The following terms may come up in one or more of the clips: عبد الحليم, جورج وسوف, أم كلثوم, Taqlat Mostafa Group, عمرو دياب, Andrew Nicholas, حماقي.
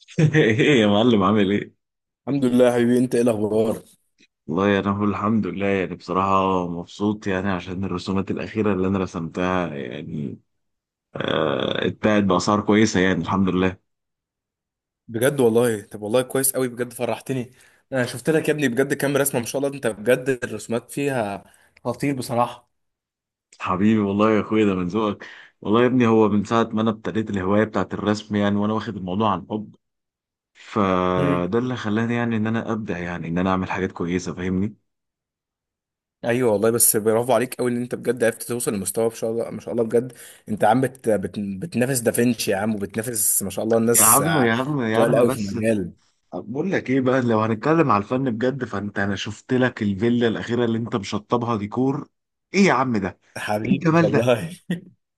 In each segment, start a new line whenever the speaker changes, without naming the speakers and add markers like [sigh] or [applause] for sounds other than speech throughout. [laughs] ايه يا معلم، عامل ايه؟
الحمد لله يا حبيبي انت ايه الاخبار.
والله انا بقول الحمد لله، يعني بصراحة مبسوط، يعني عشان الرسومات الأخيرة اللي انا رسمتها يعني اتباعت بأسعار كويسة، يعني الحمد لله.
بجد والله طب والله كويس قوي بجد فرحتني. انا شفت لك يا ابني بجد كام رسمه ما شاء الله انت بجد الرسومات فيها خطير بصراحه.
حبيبي، والله يا اخويا ده من ذوقك. والله يا ابني هو من ساعة ما انا ابتديت الهواية بتاعت الرسم يعني، وانا واخد الموضوع عن حب،
امم
فده اللي خلاني يعني ان انا ابدع، يعني ان انا اعمل حاجات كويسة. فاهمني؟
ايوه والله بس برافو عليك قوي ان انت بجد عرفت توصل لمستوى ما شاء الله ما شاء الله بجد. انت عم بتنافس دافنشي يا عم وبتنافس ما شاء الله
يا
الناس
عم
آه،
يا عم يا
تقال
عم
قوي في
بس.
المجال.
طب بقول لك ايه بقى، لو هنتكلم على الفن بجد فانت، انا شفت لك الفيلا الاخيره اللي انت مشطبها ديكور. ايه يا عم ده! ايه
حبيبي
الجمال ده!
والله.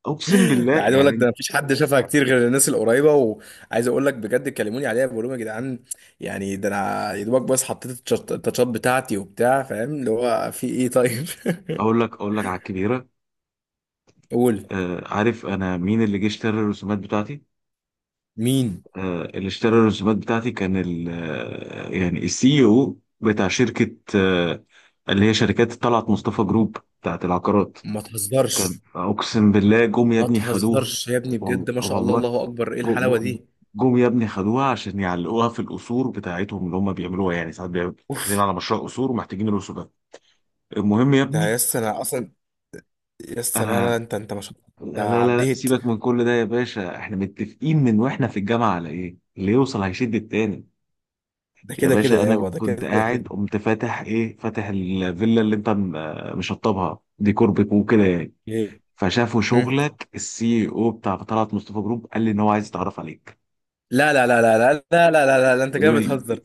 اقسم بالله
ده عايز اقول لك
يعني.
ده مفيش حد شافها كتير غير الناس القريبه وعايز اقول لك بجد كلموني عليها بقول لهم يا جدعان. يعني ده انا يا دوبك بس حطيت التاتشات بتاعتي وبتاع فاهم اللي هو في ايه طيب. [laughs]
اقول لك على الكبيره.
قول.
آه، عارف انا مين اللي جه اشترى الرسومات بتاعتي؟
مين؟
آه، اللي اشترى الرسومات بتاعتي كان ال آه، يعني السي او بتاع شركه، اللي هي شركات طلعت مصطفى جروب، بتاعت العقارات.
ما تهزرش.
كان، اقسم بالله، جم يا
ما
ابني خدوها.
تهزرش يا ابني بجد ما شاء الله
والله.
الله اكبر ايه
جو-
الحلاوه
جو-
دي.
جم يا ابني خدوها، عشان يعلقوها في القصور بتاعتهم، اللي هم بيعملوها يعني. ساعات بيعملوا داخلين
اوف.
على مشروع قصور، ومحتاجين القصور ده. المهم يا
ده
ابني.
يس انا اصلا. يس، لا لا
انا،
انت انت ما شاء الله.
لا
ده
لا لا لا،
عديت.
سيبك من كل ده يا باشا، احنا متفقين من واحنا في الجامعة على ايه اللي يوصل هيشد التاني.
ده
يا
كده كده
باشا، انا
يابا ده
كنت
كده كده.
قاعد، قمت فاتح، ايه، فاتح الفيلا اللي انت مشطبها ديكور، بيكون وكده يعني.
إيه؟
فشافوا
مم.
شغلك، السي او بتاع طلعت مصطفى جروب قال لي ان هو عايز يتعرف عليك.
لا لا لا لا لا لا. لا لا لا لا انت كده
لا.
بتهزر.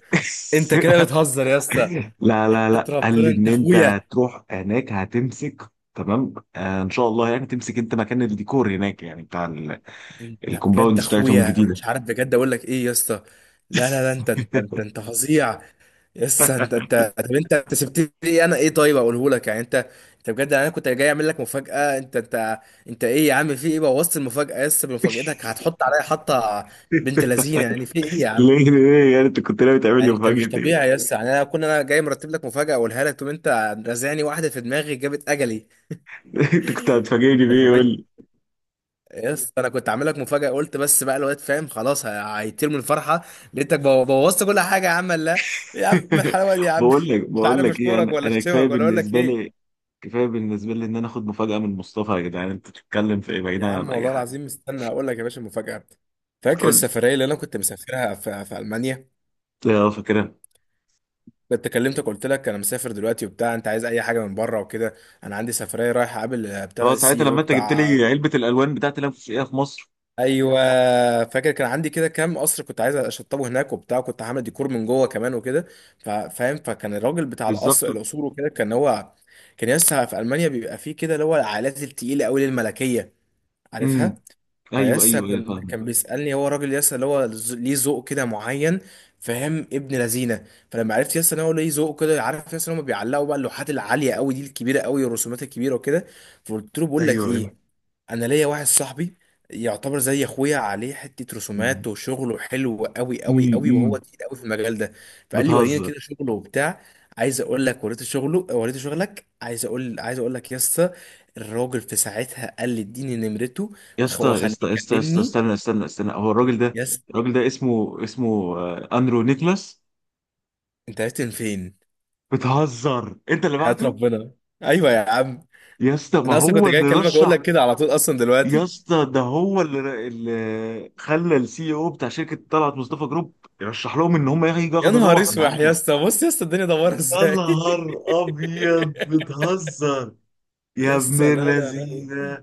انت كده
[laughs]
بتهزر يا اسطى.
لا لا
حياة
لا، قال
ربنا
لي ان
انت
انت
اخويا.
هتروح هناك هتمسك. تمام، آه ان شاء الله، يعني تمسك انت مكان الديكور هناك، يعني بتاع
انت بجد
الكومباوندز بتاعتهم
اخويا انا
الجديده.
مش عارف بجد اقول لك ايه يا اسطى. لا لا لا
[laughs]
انت فظيع. يس انت انت طب انت انت سبت لي ايه انا ايه طيب اقوله لك يعني انت. انت بجد انا كنت جاي اعمل لك مفاجأة انت. انت ايه يا عم في ايه بوظت المفاجأة، يس بمفاجأتك هتحط عليا حطة بنت لذينة يعني في ايه يا عم؟
ليه ليه يعني؟ انت كنت ناوي تعمل لي
يعني انت
مفاجاه
مش
ايه؟
طبيعي يس، يعني انا كنا انا جاي مرتب لك مفاجأة اقولها لك تقوم انت رازعني واحدة في دماغي جابت اجلي.
[laughs] انت كنت هتفاجئني بيه، يقول لي.
يس انا كنت عامل لك مفاجاه قلت بس بقى الواد فاهم خلاص هيطير من الفرحه. لقيتك بوظت كل حاجه يا عم، لا. يا عم
[laughs]
الحلاوه دي يا عم
بقول لك
[laughs] مش
بقول
عارف
لك ايه،
اشكرك
انا
ولا
انا كفايه
اشتمك ولا اقول لك
بالنسبه
ايه.
لي، كفايه بالنسبه لي ان انا اخد مفاجاه من مصطفى. يا جدعان انت بتتكلم في ايه،
يا
بعيدا
عم
عن اي
والله
حاجه؟
العظيم استنى هقول لك يا باشا المفاجاه. فاكر
قلت.
السفريه اللي انا كنت مسافرها في المانيا؟
اه، فاكرها.
كنت كلمتك قلت لك انا مسافر دلوقتي وبتاع انت عايز اي حاجه من بره وكده. انا عندي سفريه رايح اقابل ابتدى
اه، ساعتها
السي او
لما انت جبت
بتاع.
لي علبه الالوان بتاعت اللي انا كنت شاريها في مصر.
ايوه فاكر. كان عندي كده كام قصر كنت عايز اشطبه هناك وبتاع كنت عامل ديكور من جوه كمان وكده. فاهم، فكان الراجل بتاع
بالظبط.
القصر القصور وكده كان هو. كان لسه في المانيا بيبقى فيه كده اللي هو العائلات التقيله قوي الملكيه، عارفها.
امم. ايوه
فيسا
ايوه ايوه،
كان
فاهم.
كان بيسألني هو راجل يسا اللي هو ليه ذوق كده معين، فاهم ابن لذينه. فلما عرفت يسا ان هو ليه ذوق كده عارف يسا ان هم بيعلقوا بقى اللوحات العاليه قوي دي الكبيره قوي الرسومات الكبيره وكده. فقلت له بقول لك
ايوه ايوه.
ايه، انا ليا واحد صاحبي يعتبر زي اخويا عليه حته
مم.
رسومات وشغله حلو قوي قوي قوي وهو
امم.
تقيل قوي في المجال ده. فقال لي وريني
بتهزر!
كده شغله وبتاع. عايز اقول لك وريته شغله وريته شغلك، عايز اقول عايز اقول لك يسا الراجل في ساعتها قال لي اديني نمرته
يا اسطى يا
وخليه
اسطى يا اسطى يا اسطى،
يكلمني.
استنى استنى استنى، هو الراجل ده،
يس
الراجل ده اسمه اندرو نيكلاس.
انت عرفت من فين؟
بتهزر! انت اللي
حياة
بعته؟
ربنا. ايوه يا عم
يا اسطى، ما
انا اصلا كنت
هو
جاي
اللي
اكلمك اقول
رشح.
لك كده على طول اصلا
يا
دلوقتي.
اسطى ده هو اللي خلى السي او بتاع شركه طلعت مصطفى جروب يرشح لهم ان هم يجوا
يا
ياخدوا
نهار
لوح من
اسوح يا
عندي.
اسطى، بص يا اسطى الدنيا دوارة
يا
ازاي.
نهار
[laughs]
ابيض، بتهزر! يا
يا
ابن
اسطى لا لا لا.
اللذين!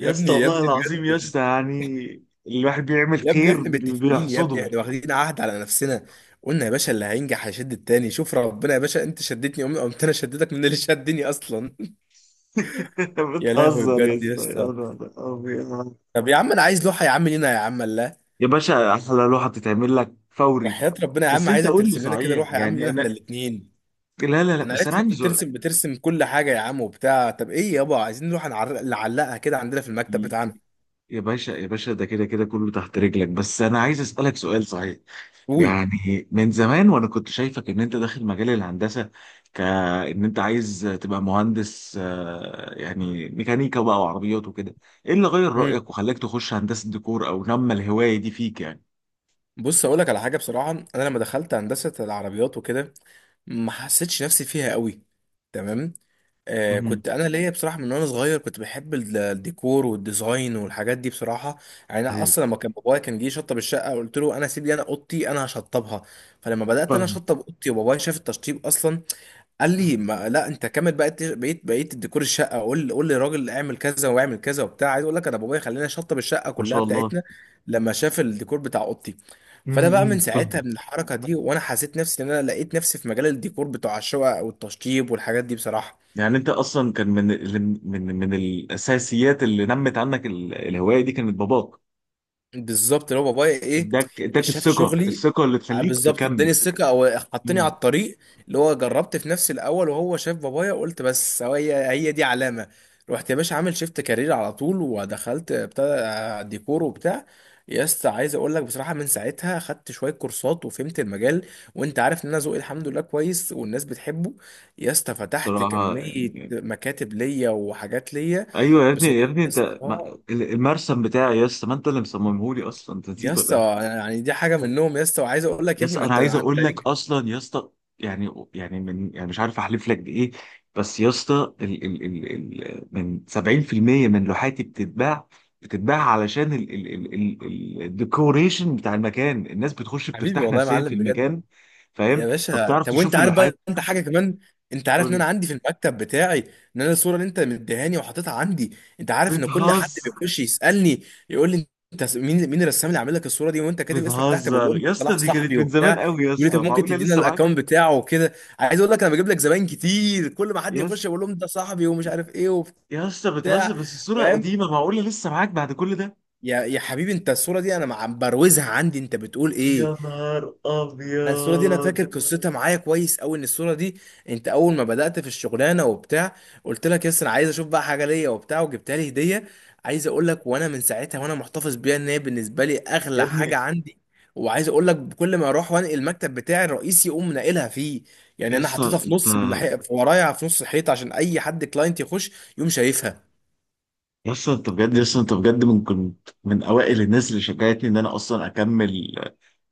يا
ابني
اسطى،
يا
والله
ابني
العظيم
بجد.
يا اسطى، يعني الواحد بيعمل
يا ابني
خير
احنا متفقين يا ابني
بيحصده.
احنا
[laughs]
واخدين عهد على نفسنا. قلنا يا باشا اللي هينجح هيشد التاني، شوف ربنا يا باشا انت شدتني، قمت انا شدتك من اللي شدني اصلا. [laughs] يا لهوي
بتهزر يا
بجد يا
اسطى! يا
اسطى.
نهار أبيض.
طب يا عم انا عايز لوحه يا عم لينا يا عم الله.
يا باشا، احلى لوحه بتتعمل لك فوري.
وحياة ربنا يا
بس
عم
انت
عايزك
قول لي
ترسم لنا كده
صحيح،
لوحه يا عم
يعني
لينا احنا
انا،
الاثنين.
لا لا لا،
انا
بس انا
عرفت إن انت
عندي سؤال.
بترسم بترسم كل حاجه يا عم وبتاع، طب ايه يابا عايزين نروح نعلقها كده عندنا في المكتب
ي-
بتاعنا.
يا باشا يا باشا، ده كده كده كله تحت رجلك، بس انا عايز اسالك سؤال صحيح.
قول.
يعني من زمان وانا كنت شايفك ان انت داخل مجال الهندسه، كان انت عايز تبقى مهندس، يعني ميكانيكا بقى وعربيات وكده. ايه اللي غير
امم
رايك وخلاك تخش هندسه ديكور، او نمى الهوايه دي فيك يعني؟
بص اقول لك على حاجه بصراحه. انا لما دخلت هندسه العربيات وكده ما حسيتش نفسي فيها قوي. تمام.
مهم.
كنت انا ليا بصراحه من وانا صغير كنت بحب الديكور والديزاين والحاجات دي بصراحه. يعني انا
ايوه
اصلا لما كان بابايا كان جه يشطب الشقه قلت له انا سيب لي انا اوضتي انا هشطبها. فلما بدات انا
فاهم.
اشطب اوضتي وبابايا شاف التشطيب اصلا، قال لي ما لا انت كامل بقيت، بقيت الديكور الشقه، قول للراجل اعمل كذا واعمل كذا وبتاع. عايز اقول لك انا بابايا خلاني شطب الشقه
ما
كلها
شاء الله.
بتاعتنا لما شاف الديكور بتاع اوضتي. فانا بقى من
مهم.
ساعتها
فاهم.
من الحركه دي وانا حسيت نفسي ان انا لقيت نفسي في مجال الديكور بتاع الشقق والتشطيب والحاجات دي بصراحه.
يعني انت اصلا كان من من الاساسيات اللي نمت عنك الهوايه دي، كانت باباك.
بالظبط اللي هو بابايا ايه،
اداك
شاف
الثقه،
شغلي.
الثقه اللي تخليك
بالظبط اداني
تكمل.
الثقه او حطني
مم.
على الطريق. اللي هو جربت في نفسي الاول وهو شاف بابايا، قلت بس هو هي هي دي علامه. رحت يا باشا عامل شيفت كارير على طول ودخلت بتاع، ديكور وبتاع. يا اسطى عايز اقول لك بصراحه من ساعتها خدت شويه كورسات وفهمت المجال. وانت عارف ان انا ذوقي الحمد لله كويس والناس بتحبه. يا اسطى فتحت
بصراحه.
كميه مكاتب ليا وحاجات ليا
ايوه يا ابني، يا
بصراحه.
ابني
يا
انت،
اسطى،
المرسم بتاعي يا اسطى، ما انت اللي مصممه لي اصلا. انت
يا
نسيت ولا ايه؟
اسطى يعني دي حاجه منهم يا اسطى، وعايز اقول لك
يا
يا ابني
اسطى
ما
انا
انت
عايز
انت
اقول لك
ليك.
اصلا يا اسطى، يعني من، يعني مش عارف احلف لك بايه، بس يا اسطى ال ال ال ال من 70% من لوحاتي بتتباع، بتتباع علشان الديكوريشن بتاع المكان، الناس بتخش
حبيبي
بترتاح
والله يا
نفسيا في
معلم بجد.
المكان، فاهم؟
يا باشا
فبتعرف
طب وانت
تشوف
عارف
اللوحات.
بقى انت حاجه كمان. انت عارف
تقول
ان انا
لي.
عندي في المكتب بتاعي ان انا الصوره اللي انت مديهاني وحاططها عندي، انت عارف ان كل حد
بتهزر!
بيخش يسالني يقول لي انت مين مين الرسام اللي عامل لك الصوره دي وانت كاتب اسمك تحت، بقول لهم
بتهزر يا
ده
اسطى،
صلاح
دي كانت
صاحبي
من
وبتاع.
زمان قوي يا
يقول لي
اسطى،
طب ممكن
معقوله
تدينا
لسه معاك؟
الاكونت بتاعه وكده. عايز اقول لك انا بجيب لك زباين كتير كل ما حد
يا اسطى
يخش بقول لهم ده صاحبي ومش عارف ايه وبتاع.
يا اسطى بتهزر، بس الصورة
فاهم؟
قديمة، معقولة لسه معاك بعد كل ده؟
يا يا حبيبي انت الصورة دي انا بروزها عندي، انت بتقول
يا
ايه؟
نهار
انا الصورة دي انا
ابيض.
فاكر قصتها معايا كويس قوي. ان الصورة دي انت اول ما بدأت في الشغلانة وبتاع قلت لك يس انا عايز اشوف بقى حاجة ليا وبتاع وجبتها لي هدية. عايز اقول لك وانا من ساعتها وانا محتفظ بيها ان هي بالنسبة لي
يا
اغلى حاجة
ابني.
عندي. وعايز اقول لك كل ما اروح وانقل المكتب بتاعي الرئيسي يقوم ناقلها فيه. يعني
يا
انا حطيتها
اسطى
في
انت،
في ورايا في نص الحيط عشان اي حد كلاينت يخش يقوم شايفها.
يا اسطى انت بجد، يا اسطى انت بجد، من كنت من اوائل الناس اللي شجعتني ان انا اصلا اكمل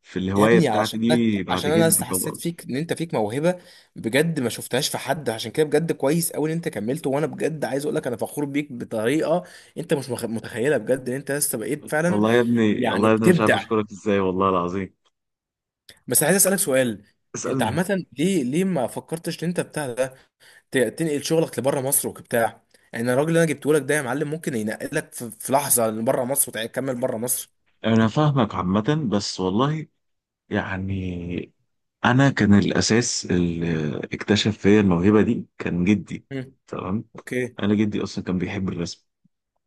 في
يا
الهواية
ابني
بتاعتي
عشانك،
دي، بعد
عشان انا
جدي
لسه حسيت
طبعا.
فيك ان انت فيك موهبه بجد ما شفتهاش في حد، عشان كده بجد كويس قوي ان انت كملت. وانا بجد عايز اقول لك انا فخور بيك بطريقه انت مش مخ- متخيلها بجد ان انت لسه بقيت فعلا
والله يا ابني، والله
يعني
يا ابني، مش عارف
بتبدع.
اشكرك ازاي، والله العظيم.
بس عايز اسالك سؤال. انت
اسألني.
عامه ليه ليه ما فكرتش ان انت بتاع ده تنقل شغلك لبره مصر وبتاع؟ يعني الراجل اللي انا جبته لك ده يا معلم ممكن ينقلك في في لحظه لبره مصر وتكمل بره مصر.
انا فاهمك عامة، بس والله يعني، انا كان الاساس اللي اكتشف فيا الموهبه دي كان جدي.
مم.
تمام.
اوكي.
انا جدي اصلا كان بيحب الرسم،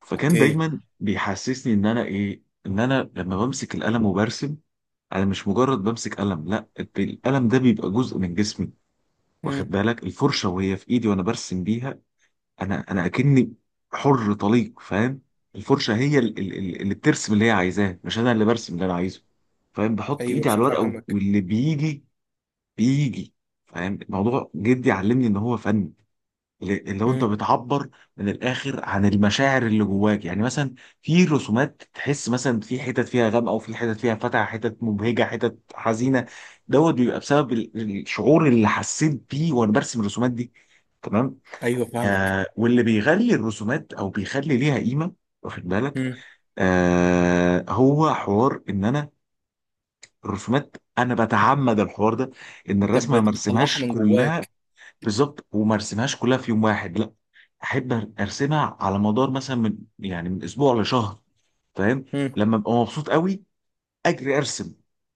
فكان
اوكي.
دايما بيحسسني ان انا ايه، ان انا لما بمسك القلم وبرسم، انا مش مجرد بمسك قلم، لا، القلم ده بيبقى جزء من جسمي. واخد
مم.
بالك؟ الفرشه وهي في ايدي وانا برسم بيها، انا اكني حر طليق. فاهم؟ الفرشه هي اللي بترسم اللي هي عايزاه، مش انا اللي برسم اللي انا عايزه. فاهم؟ بحط
ايوه
ايدي على الورقه،
فاهمك.
واللي بيجي بيجي. فاهم؟ الموضوع جدي علمني ان هو فن، اللي هو انت
مم.
بتعبر من الاخر عن المشاعر اللي جواك. يعني مثلا في رسومات تحس، مثلا في حتت فيها غامقه، وفي حتت فيها فاتحه، حتت مبهجه، حتت حزينه، دوت بيبقى بسبب الشعور اللي حسيت بيه وانا برسم الرسومات دي. تمام.
ايوه فاهمك.
واللي بيغلي الرسومات او بيخلي ليها قيمه، واخد بالك،
مم.
هو حوار ان انا الرسومات، انا بتعمد الحوار ده، ان
انت
الرسمه ما
بت- بتطلعها
ارسمهاش
من
كلها.
جواك.
بالظبط. وما ارسمهاش كلها في يوم واحد، لا، احب ارسمها على مدار مثلا، من، يعني من اسبوع لشهر، فاهم؟
مم.
لما ابقى مبسوط قوي، اجري ارسم،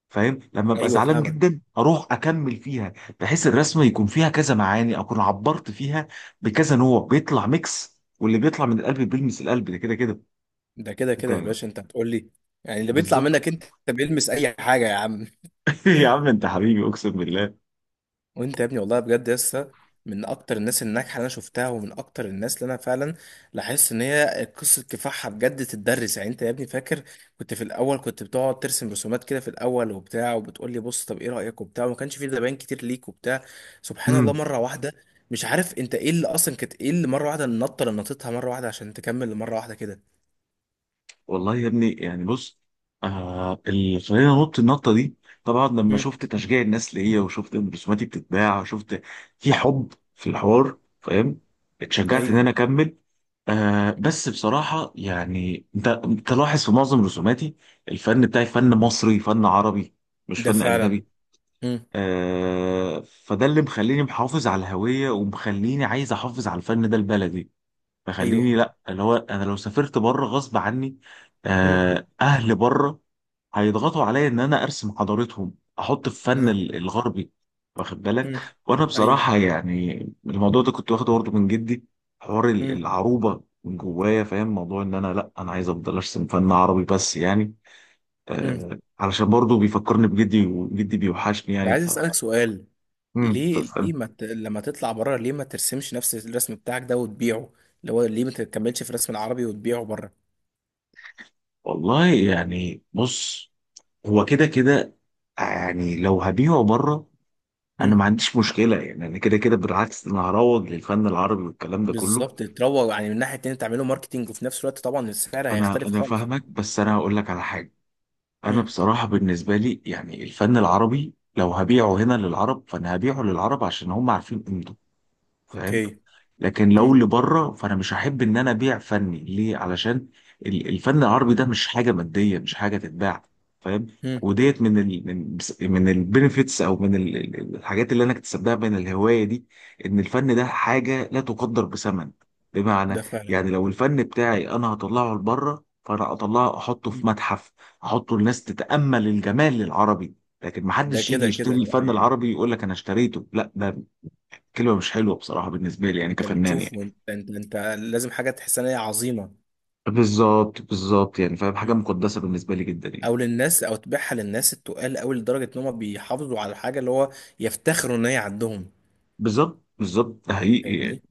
فاهم؟ لما ابقى
ايوه
زعلان
فاهمك.
جدا، اروح اكمل فيها، بحيث الرسمه يكون فيها كذا معاني، اكون عبرت فيها بكذا نوع، بيطلع ميكس، واللي بيطلع من القلب بيلمس القلب، ده كده كده.
ده كده
انت.
كده يا باشا انت هتقول لي يعني اللي بيطلع
بالظبط.
منك انت بيلمس اي حاجه يا عم. [laughs]
[laughs] يا عم انت حبيبي، اقسم بالله.
وانت يا ابني والله بجد لسه من اكتر الناس الناجحه اللي انا شفتها، ومن اكتر الناس اللي انا فعلا لاحظت ان هي قصه كفاحها بجد تتدرس. يعني انت يا ابني فاكر كنت في الاول كنت بتقعد ترسم رسومات كده في الاول وبتاع وبتقول لي بص طب ايه رايك وبتاع وما كانش في زباين كتير ليك وبتاع. سبحان الله
مم.
مره واحده، مش عارف انت ايه اللي اصلا كانت ايه اللي مره واحده النطه اللي نطيتها مره واحده عشان تكمل لمره واحده كده.
والله يا ابني، يعني بص، اللي خلاني انط النطه دي، طبعا لما
مم.
شفت تشجيع الناس ليا، وشفت ان رسوماتي بتتباع، وشفت في حب في الحوار، فاهم، اتشجعت ان
ايوه.
انا اكمل.
مم.
بس بصراحه يعني، انت لاحظ في معظم رسوماتي، الفن بتاعي فن مصري، فن عربي، مش
ده
فن
فعلا.
اجنبي.
مم.
فده اللي مخليني محافظ على الهويه، ومخليني عايز احافظ على الفن ده البلدي،
ايوه.
فخليني، لا، اللي هو انا لو سافرت بره غصب عني،
مم.
اهل بره هيضغطوا عليا ان انا ارسم حضارتهم، احط في فن
ها.
الغربي. واخد بالك؟
مم.
وانا
ايوه.
بصراحه يعني الموضوع ده كنت واخده برضه من جدي، حوار
مم.
العروبه من جوايا. فاهم؟ موضوع ان انا، لا، انا عايز افضل ارسم فن عربي بس، يعني
مم.
علشان برضه بيفكرني بجدي، وجدي بيوحشني
طب
يعني،
عايز
ف.
اسالك سؤال،
مم.
ليه ليه ما ت... لما تطلع بره ليه ما ترسمش نفس الرسم بتاعك ده وتبيعه، اللي هو ليه ما تكملش في الرسم العربي وتبيعه بره؟
والله يعني بص، هو كده كده، يعني لو هبيعه بره انا ما
مم.
عنديش مشكله. يعني انا كده كده بالعكس، انا هروج للفن العربي والكلام ده كله.
بالظبط تروج، يعني من ناحيه تانية تعمله ماركتينج وفي نفس الوقت طبعا السعر
انا
هيختلف
انا
خالص.
فاهمك، بس انا هقول لك على حاجه. انا
مم.
بصراحه بالنسبه لي يعني، الفن العربي لو هبيعه هنا للعرب، فانا هبيعه للعرب عشان هم عارفين قيمته. فاهم؟
اوكي.
لكن
مم.
لو اللي بره، فانا مش هحب ان انا ابيع فني ليه، علشان الفن العربي ده مش حاجه ماديه، مش حاجه تتباع. فاهم؟
مم.
وديت من البنفيتس، او من الحاجات اللي انا اكتسبتها من الهوايه دي، ان الفن ده حاجه لا تقدر بثمن. بمعنى،
ده فعلا.
يعني لو الفن بتاعي انا هطلعه لبره، فانا اطلعه احطه في
مم.
متحف، احطه الناس تتامل الجمال العربي، لكن
ده
محدش يجي
كده
يشتري
كده
الفن
يعني.
العربي يقول لك انا اشتريته، لا، ده كلمه مش حلوه بصراحه بالنسبه لي، يعني
انت
كفنان
بتشوف،
يعني.
انت لازم حاجه تحس ان هي عظيمه.
بالظبط بالظبط يعني، فاهم؟ حاجه
مم.
مقدسه بالنسبه لي جدا يعني.
او للناس او تبيعها للناس التقال قوي لدرجه ان هم بيحافظوا على الحاجه اللي هو يفتخروا ان هي عندهم.
بالظبط بالظبط، ده حقيقي يعني.
فاهمني.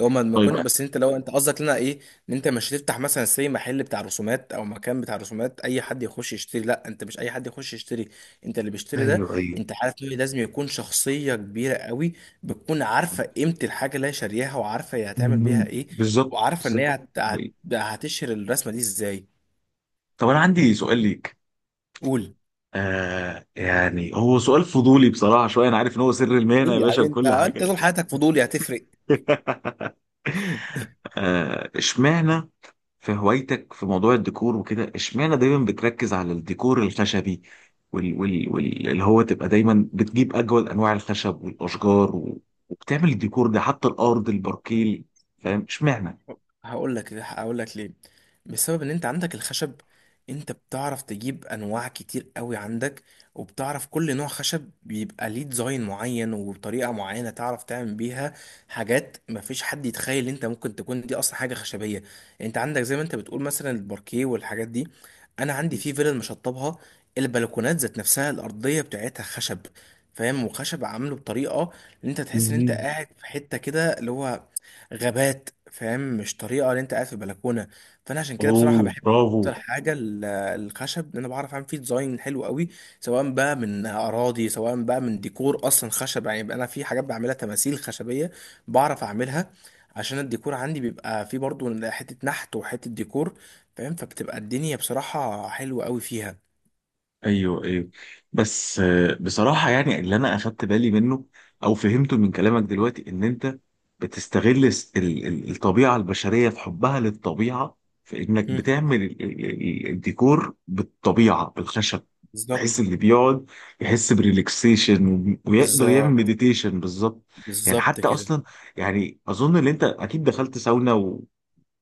هو ما
طيب.
كنت، بس انت لو انت قصدك لنا ايه، ان انت مش هتفتح مثلا سي محل بتاع رسومات او مكان بتاع رسومات اي حد يخش يشتري؟ لا، انت مش اي حد يخش يشتري. انت اللي بيشتري ده
ايوه ايوه.
انت عارف انه لازم يكون شخصية كبيرة قوي. بتكون عارفة قيمة الحاجة اللي هي شارياها وعارفة هي هتعمل بيها
مم.
ايه،
بالظبط
وعارفة ان
بالظبط.
هي
ده حقيقي.
هتشهر الرسمة دي ازاي.
طب انا عندي سؤال ليك.
قول.
يعني هو سؤال فضولي بصراحه شويه، انا عارف ان هو سر المهنه يا
قول يا
باشا
حبيبي، انت
وكل
انت
حاجه.
طول حياتك فضولي هتفرق؟
[laughs] اشمعنى في هوايتك، في موضوع الديكور وكده، اشمعنى دايما بتركز على الديكور الخشبي، وال وال وال اللي هو تبقى دايما بتجيب اجمل انواع الخشب والاشجار وبتعمل الديكور ده، حتى الارض الباركيل. فاهم؟ اشمعنى؟
هقول لك ليه. بسبب ان انت عندك الخشب. انت بتعرف تجيب انواع كتير قوي عندك. وبتعرف كل نوع خشب بيبقى ليه ديزاين معين وبطريقة معينة تعرف تعمل بيها حاجات مفيش حد يتخيل ان انت ممكن تكون دي اصلا حاجة خشبية. انت عندك زي ما انت بتقول مثلا الباركيه والحاجات دي. انا عندي في فيلل مشطبها البلكونات ذات نفسها الارضية بتاعتها خشب. فاهم، وخشب عامله بطريقة ان انت تحس ان انت
مهم.
قاعد في حتة كده اللي هو غابات، فاهم، مش طريقه اللي انت قاعد في بلكونه. فانا عشان كده بصراحه
اوه،
بحب
برافو.
اكتر حاجه الخشب لأن انا بعرف اعمل فيه ديزاين حلو قوي. سواء بقى من اراضي سواء بقى من ديكور اصلا خشب. يعني بقى انا في حاجات بعملها تماثيل خشبيه بعرف اعملها عشان الديكور عندي بيبقى فيه برضو حته نحت وحته ديكور. فاهم، فبتبقى الدنيا بصراحه حلوه قوي فيها.
ايوه ايوه. بس بصراحه يعني، اللي انا اخدت بالي منه او فهمته من كلامك دلوقتي، ان انت بتستغل الطبيعه البشريه في حبها للطبيعه، في انك
مم.
بتعمل الديكور بالطبيعه بالخشب، بحيث
بالظبط.
اللي بيقعد يحس بريلاكسيشن، ويقدر يعمل
بالظبط.
مديتيشن بالظبط. يعني
بالظبط
حتى
كده.
اصلا، يعني اظن ان انت اكيد دخلت ساونا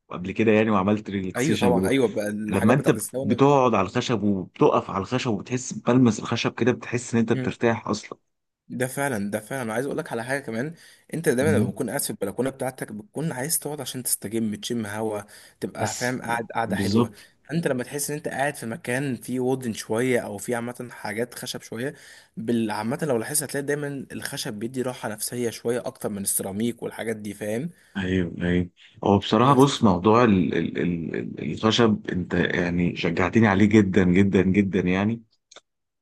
وقبل كده يعني، وعملت
ايوه طبعا
ريلاكسيشن.
ايوه، بقى
لما
الحاجات
انت
بتاعت الساونا.
بتقعد على الخشب، وبتقف على الخشب، وبتحس بلمس الخشب كده، بتحس ان انت بترتاح اصلا.
ده فعلا، ده فعلا انا عايز اقول لك على حاجه كمان. انت دايما لما
مم.
بتكون قاعد في البلكونه بتاعتك بتكون عايز تقعد عشان تستجم تشم هوا، تبقى
بس.
فاهم قاعد قاعده حلوه.
بالظبط.
انت لما تحس ان انت قاعد في مكان فيه وودن شويه او فيه عامه حاجات خشب شويه، عامه لو لاحظت هتلاقي دايما الخشب بيدي راحه نفسيه شويه اكتر من السيراميك والحاجات دي، فاهم.
ايوه ايوه. هو بصراحه
بس.
بص، موضوع الخشب انت يعني شجعتني عليه جدا جدا جدا يعني.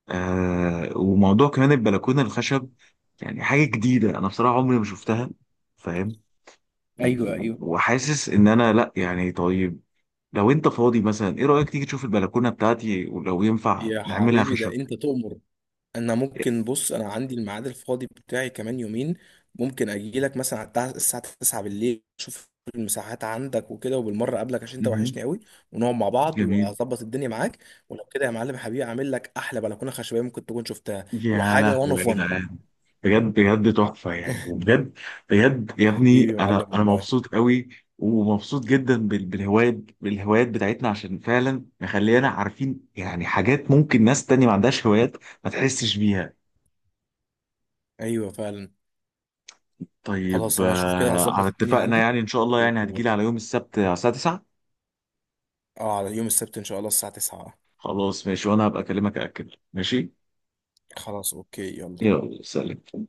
وموضوع كمان البلكونه الخشب، يعني حاجه جديده، انا بصراحه عمري ما شفتها. فاهم؟
ايوه.
و-
ايوه
وحاسس ان انا لا يعني. طيب، لو انت فاضي مثلا، ايه رايك تيجي تشوف البلكونه بتاعتي ولو ينفع
يا
نعملها
حبيبي
خشب؟
ده انت تؤمر. انا ممكن، بص انا عندي الميعاد الفاضي بتاعي كمان يومين. ممكن اجي لك مثلا على الساعه 9 بالليل اشوف المساحات عندك وكده، وبالمره اقابلك عشان انت
مهم.
وحشني قوي، ونقعد مع بعض
جميل.
واظبط الدنيا معاك. ولو كده يا معلم حبيبي اعمل لك احلى بلكونه خشبيه ممكن تكون شفتها
يا
وحاجه وان
لهوي يا
اوف وان.
جدعان! بجد بجد تحفة يعني، وبجد بجد يا ابني،
حبيبي يا
أنا
معلم
أنا
والله.
مبسوط قوي، ومبسوط جدا بالهوايات، بالهوايات بتاعتنا، عشان فعلا مخلينا عارفين يعني حاجات ممكن ناس تانية ما عندهاش هوايات ما تحسش بيها.
ايوه فعلا.
طيب،
خلاص انا اشوف كده
على
هظبط الدنيا
اتفقنا
عندي
يعني إن شاء الله،
و...
يعني
و-
هتجيلي على يوم السبت على الساعة 9.
اه على يوم السبت ان شاء الله الساعه 9.
خلاص ماشي، وأنا هبقى أكلمك أأكد. ماشي
خلاص اوكي يلا.
يلا، سلام.